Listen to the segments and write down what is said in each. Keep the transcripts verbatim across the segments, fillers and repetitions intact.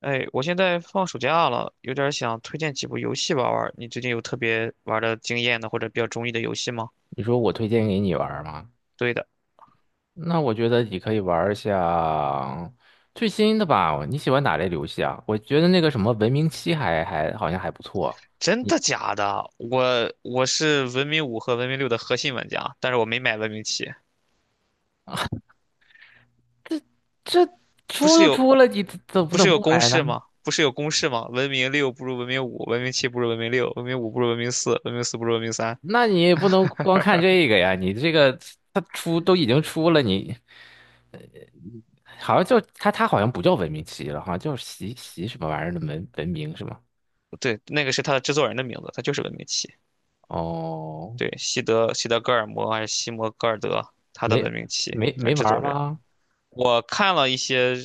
哎，我现在放暑假了，有点儿想推荐几部游戏玩儿玩儿。你最近有特别玩儿的经验的或者比较中意的游戏吗？你说我推荐给你玩儿吗？对的。那我觉得你可以玩儿一下最新的吧。你喜欢哪类游戏啊？我觉得那个什么《文明七》还还好像还不错。真你的假的？我我是文明五和文明六的核心玩家，但是我没买文明七。这这不出是都有出了，你怎怎么不是能有不公买呢？式吗？不是有公式吗？文明六不如文明五，文明七不如文明六，文明五不如文明四，文明四不如文明三。那你也不能光看这个呀。你这个它出都已经出了，你好像就它它好像不叫《文明七》了，好像叫习习什么玩意儿的文文明是吗？对，那个是他的制作人的名字，他就是文明七。哦，对，西德西德格尔摩还是西摩戈尔德，他的没文明七，没他没是制玩儿作人。吗？我看了一些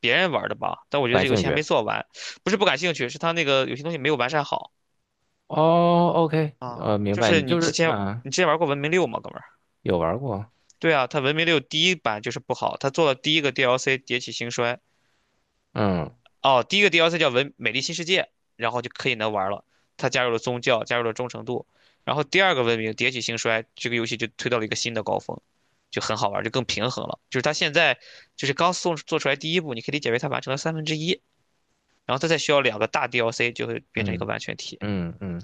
别人玩的吧，但我不觉得感这游兴戏还趣。没做完。不是不感兴趣，是他那个有些东西没有完善好哦，OK,呃，啊。明就白，是你你就之是前嗯，你之前玩过《文明六》吗，哥们儿？有玩过，对啊，他《文明六》第一版就是不好，他做了第一个 D L C《迭起兴衰》。嗯哦，第一个 D L C 叫《文美丽新世界》，然后就可以能玩了。他加入了宗教，加入了忠诚度，然后第二个文明《迭起兴衰》这个游戏就推到了一个新的高峰，就很好玩就更平衡了。就是他现在就是刚送做出来第一步，你可以理解为他完成了三分之一。然后它再需要两个大 D L C 就会变成一个嗯完全体。嗯嗯，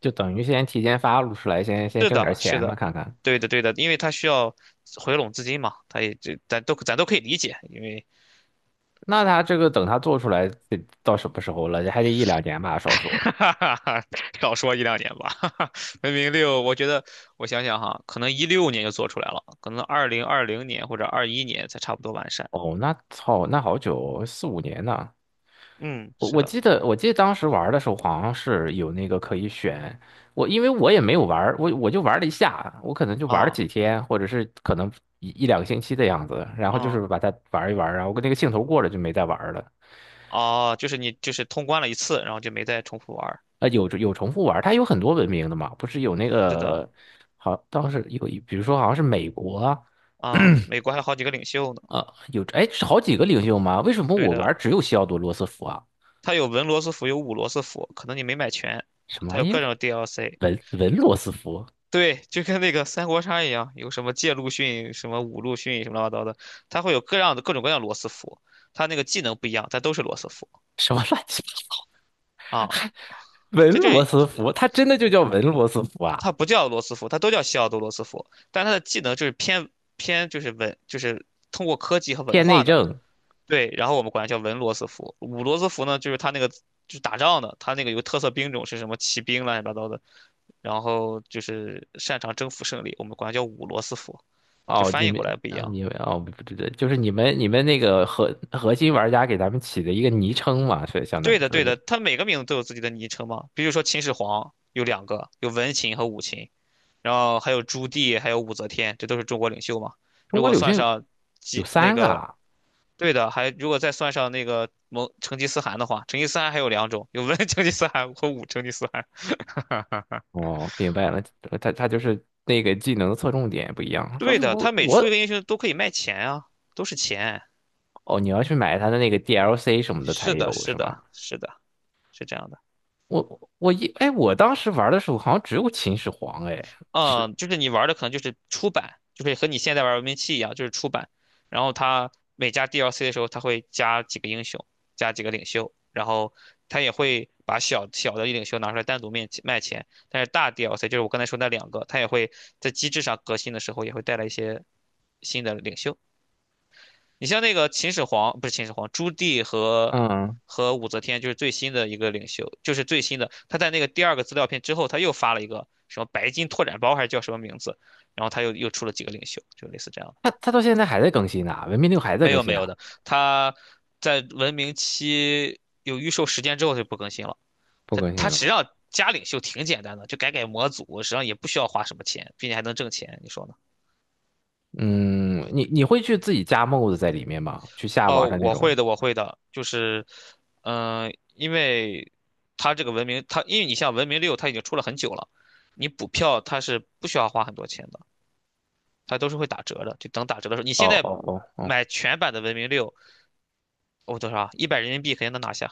就等于先提前发出来，先先是挣点的，是钱嘛，的，看看。对的，对的，因为它需要回笼资金嘛，它也这咱都咱都可以理解，因为 那他这个等他做出来得到什么时候了？还得一两年吧，少 说。哈哈哈，少说一两年吧，哈哈，文明六，我觉得我想想哈，可能一六年就做出来了，可能二零二零年或者二一年才差不多完善。哦，那操，那好久，四五年呢。嗯，我是我的，记得我记得当时玩的时候好像是有那个可以选，我因为我也没有玩儿我我就玩了一下，我可能就玩了啊，几天，或者是可能一一两个星期的样子，然后就嗯，是把它玩一玩，然后跟那个兴头过了就没再玩儿了。哦，就是你就是通关了一次，然后就没再重复玩儿。啊，有有重复玩儿它有很多文明的嘛，不是有那是的，个好当时有一比如说好像是美国啊，啊，美国还有好几个领袖呢。呃，有哎是好几个领袖吗？为什么对我玩的，儿只有西奥多·罗斯福啊？它有文罗斯福，有武罗斯福，可能你没买全，什么它玩有意各儿？种 D L C。文文罗斯福？对，就跟那个三国杀一样，有什么借陆逊、什么武陆逊、什么乱七八糟的，它会有各样的各种各样的罗斯福，它那个技能不一样，但都是罗斯福什么乱七八？啊。文这罗这斯福，他真的就叫文罗斯福啊？它不叫罗斯福，它都叫西奥多罗斯福，但它的技能就是偏偏就是文，就是通过科技和文偏内化的。政对，然后我们管它叫文罗斯福，武罗斯福呢，就是它那个就是打仗的，它那个有个特色兵种是什么骑兵乱七八糟的。然后就是擅长征服胜利，我们管它叫五罗斯福，就哦，翻你译们过来不一啊，样。你们哦，不对对，就是你们你们那个核核心玩家给咱们起的一个昵称嘛，所以相当对于的，说对是的，它每个名字都有自己的昵称嘛，比如说秦始皇有两个，有文秦和武秦，然后还有朱棣，还有武则天，这都是中国领袖嘛。中如国果柳算絮上有几那三个个，啊。对的，还如果再算上那个蒙成吉思汗的话，成吉思汗还有两种，有文 成吉思汗和武成吉思汗。哦，明白了，他他就是那个技能的侧重点不一样。就对是的，我他每出一我个英雄都可以卖钱啊，都是钱。哦，你要去买他的那个 D L C 什么的才是的，有是是吗？的，是的，是这样的。我我一哎，我当时玩的时候好像只有秦始皇哎，是嗯，就是你玩的可能就是出版，就是和你现在玩文明七一样，就是出版。然后它每加 D L C 的时候，它会加几个英雄，加几个领袖，然后它也会把小小的领袖拿出来单独面卖钱。但是大 D L C 就是我刚才说那两个，它也会在机制上革新的时候，也会带来一些新的领袖。你像那个秦始皇，不是秦始皇，朱棣和嗯，和武则天，就是最新的一个领袖，就是最新的。他在那个第二个资料片之后，他又发了一个什么白金拓展包，还是叫什么名字？然后他又又出了几个领袖，就类似这样的。他他到现在还在更新呢，文明六还在没更有没新有啊。的，他在文明期有预售时间之后就不更新了。不他更他新实际了。上加领袖挺简单的，就改改模组，实际上也不需要花什么钱，并且还能挣钱，你说呢？嗯，你你会去自己加 mod 在里面吗？去下网哦，上那我种？会的，我会的，就是，嗯、因为它这个文明，它因为你像文明六，它已经出了很久了，你补票它是不需要花很多钱的，它都是会打折的，就等打折的时候，你现哦在哦哦哦买全版的文明六，哦多少啊？一百人民币肯定能拿下。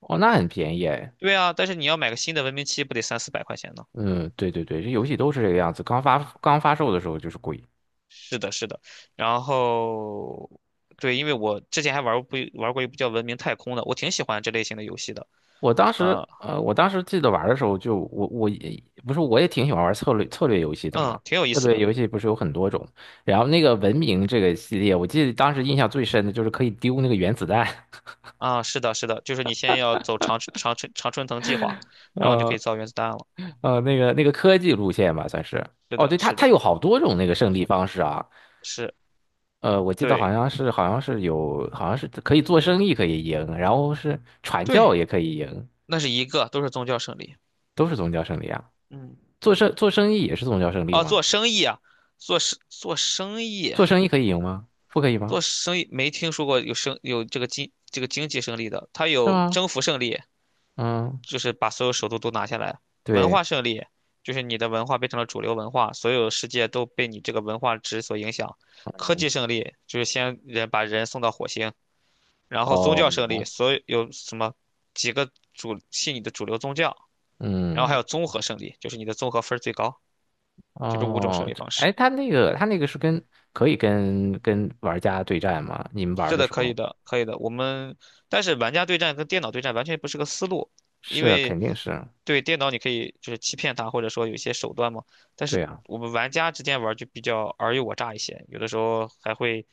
哦，那很便宜哎。对啊，但是你要买个新的文明七，不得三四百块钱呢？嗯，对对对，这游戏都是这个样子。刚发刚发售的时候就是贵。是的，是的。然后，对，因为我之前还玩过不玩过一部叫《文明太空》的，我挺喜欢这类型的游戏的，我当时呃，呃，我当时记得玩的时候就我我也不是我也挺喜欢玩策略策略游戏的嘛。嗯，挺有意策思略的。游戏不是有很多种，然后那个文明这个系列，我记得当时印象最深的就是可以丢那个原子弹，啊，是的，是的，就是你先要走长长春长春藤计划，然后你就可以呃造原子弹了。呃，那个那个科技路线吧，算是。是哦，的，对，它是的，它有好多种那个胜利方式啊。是，呃，我记得对好像是好像是有好像是可以做生意可以赢，然后是传对，教也可以赢，那是一个，都是宗教胜利。都是宗教胜利啊。嗯，做生做生意也是宗教胜利啊，吗？做生意啊，做生做生意啊，做生意可以赢吗？不可以吗？做生意没听说过有生有这个经这个经济胜利的，它是有吗？征服胜利，嗯，就是把所有首都都拿下来；文对，化胜利，就是你的文化变成了主流文化，所有世界都被你这个文化值所影响；科技胜利，就是先人把人送到火星。然后宗哦，教胜利，所有有什么几个主信你的主流宗教，然后还嗯，有综合胜利，就是你的综合分儿最高，就这五种胜哦，利这方式。哎，他那个他那个是跟可以跟跟玩家对战吗？你们玩是的的，时可候以的，可以的。我们但是玩家对战跟电脑对战完全不是个思路，因是啊肯为定是啊，对电脑你可以就是欺骗他，或者说有一些手段嘛。但是对啊，我们玩家之间玩就比较尔虞我诈一些，有的时候还会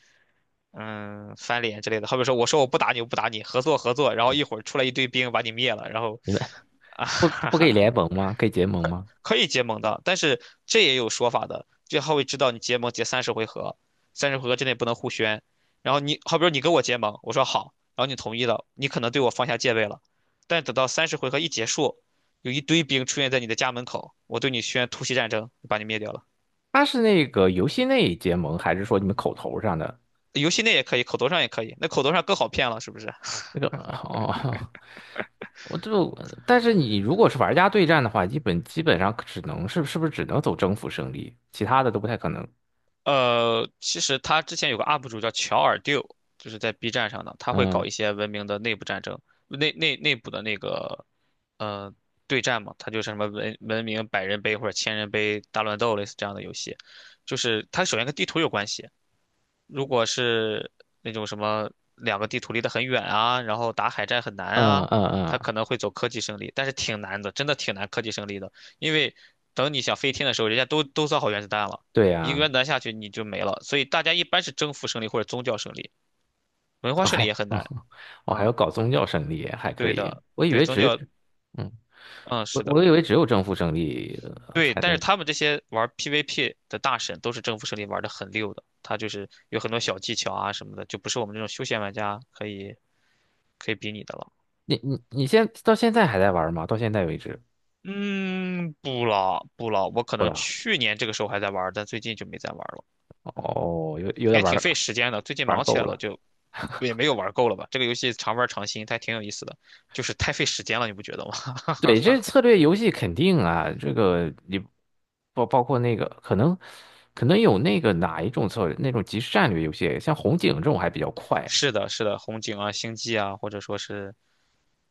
嗯翻脸之类的。好比说我说我不打你，我不打你，合作合作，然后嗯一会儿出来一堆兵把你灭了，然后你们 啊。不不可 以联盟吗？可以结 盟可吗？可以结盟的，但是这也有说法的，这他会知道你结盟结三十回合，三十回合之内不能互宣。然后你好比说你跟我结盟，我说好，然后你同意了，你可能对我放下戒备了，但等到三十回合一结束，有一堆兵出现在你的家门口，我对你宣突袭战争，把你灭掉了。他是那个游戏内结盟，还是说你们口头上的？游戏内也可以，口头上也可以，那口头上更好骗了，是不是？那个 哦，我就，但是你如果是玩家对战的话，基本基本上只能是是不是只能走征服胜利，其他的都不太可能。呃，其实他之前有个 U P 主叫乔尔 d 就是在 B 站上的，他会搞嗯一些文明的内部战争，内内内部的那个呃对战嘛，他就是什么文文明百人杯或者千人杯大乱斗类似这样的游戏，就是它首先跟地图有关系，如果是那种什么两个地图离得很远啊，然后打海战很难嗯啊，嗯他嗯，可能会走科技胜利，但是挺难的，真的挺难科技胜利的，因为等你想飞天的时候，人家都都造好原子弹了，对一个呀、原子弹下去你就没了，所以大家一般是征服胜利或者宗教胜利，文 化我胜利还也很难。我还要嗯，搞宗教胜利，还可对以。的，我以对为宗只，教，嗯，嗯，我是的，我以为只有征服胜利呃对，才但是能。他们这些玩 P V P 的大神都是征服胜利玩的很溜的，他就是有很多小技巧啊什么的，就不是我们这种休闲玩家可以可以比拟的了。你你你现到现在还在玩吗？到现在为止，嗯，不了不了，我可不能了。去年这个时候还在玩儿，但最近就没再玩儿了。嗯，哦，有有点也玩挺费时间的，最近玩忙起够来了，了。就也没有玩够了吧。这个游戏常玩儿常新，它还挺有意思的，就是太费时间了，你不觉得吗？对，这策略游戏肯定啊，这个你包包括那个可能可能有那个哪一种策略，那种即时战略游戏，像红警这种还比较快，是的，是的，红警啊、星际啊，或者说是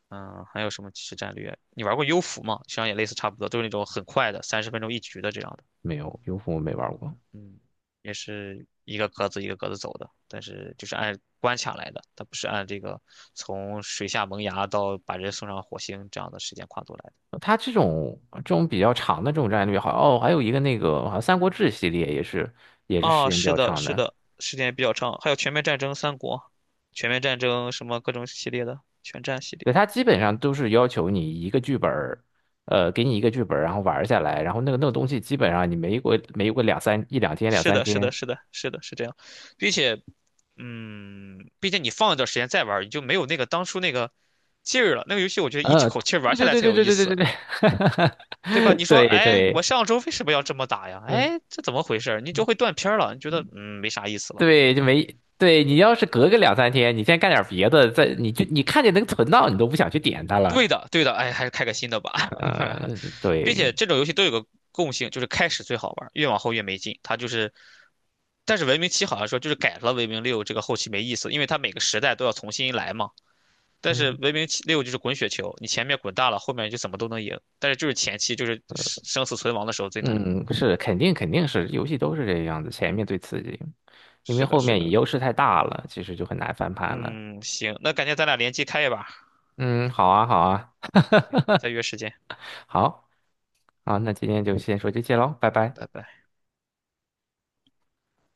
嗯，还有什么即时战略？你玩过幽浮吗？实际上也类似差不多，都是那种很快的，三十分钟一局的这样的。没有，优酷我没玩过。嗯，也是一个格子一个格子走的，但是就是按关卡来的，它不是按这个从水下萌芽到把人送上火星这样的时间跨度来的。它这种这种比较长的这种战略，好哦，还有一个那个好像《三国志》系列也是也是时啊，间比是较的，长是的，的，时间也比较长，还有全面战争三国、全面战争什么各种系列的全战系列。对，它基本上都是要求你一个剧本儿，呃，给你一个剧本儿，然后玩儿下来，然后那个那个东西基本上你没过没过两三一两天两是三的，是的，天。是的，是的，是这样，并且，嗯，毕竟你放一段时间再玩儿你就没有那个当初那个劲儿了。那个游戏我觉得一呃，口气儿玩对下对来对才对有对意对对对思。对，对吧？你 说，对对哎，我对上周为什么要这么打呀？哎，这怎么回事儿？你就会断片儿了，你觉得嗯没啥意思了。对，就没对你要是隔个两三天，你先干点别的，再你就你看见能存到，你都不想去点它了。对的，对的，哎，还是开个新的吧。呃，并对，且这种游戏都有个共性，就是开始最好玩越往后越没劲。它就是，但是文明七好像说就是改了文明六这个后期没意思，因为它每个时代都要重新来嘛。但是嗯文明七六就是滚雪球，你前面滚大了，后面就怎么都能赢。但是就是前期就是生生死存亡的时候最难。嗯，是肯定肯定是游戏都是这个样子，前面最刺激，因为是的，后是面你的，优势太大了，其实就很难翻盘了。嗯，行，那感觉咱俩联机开一把，嗯，好啊好啊再约时间。好啊，那今天就先说这些喽，拜嗯，拜。拜拜。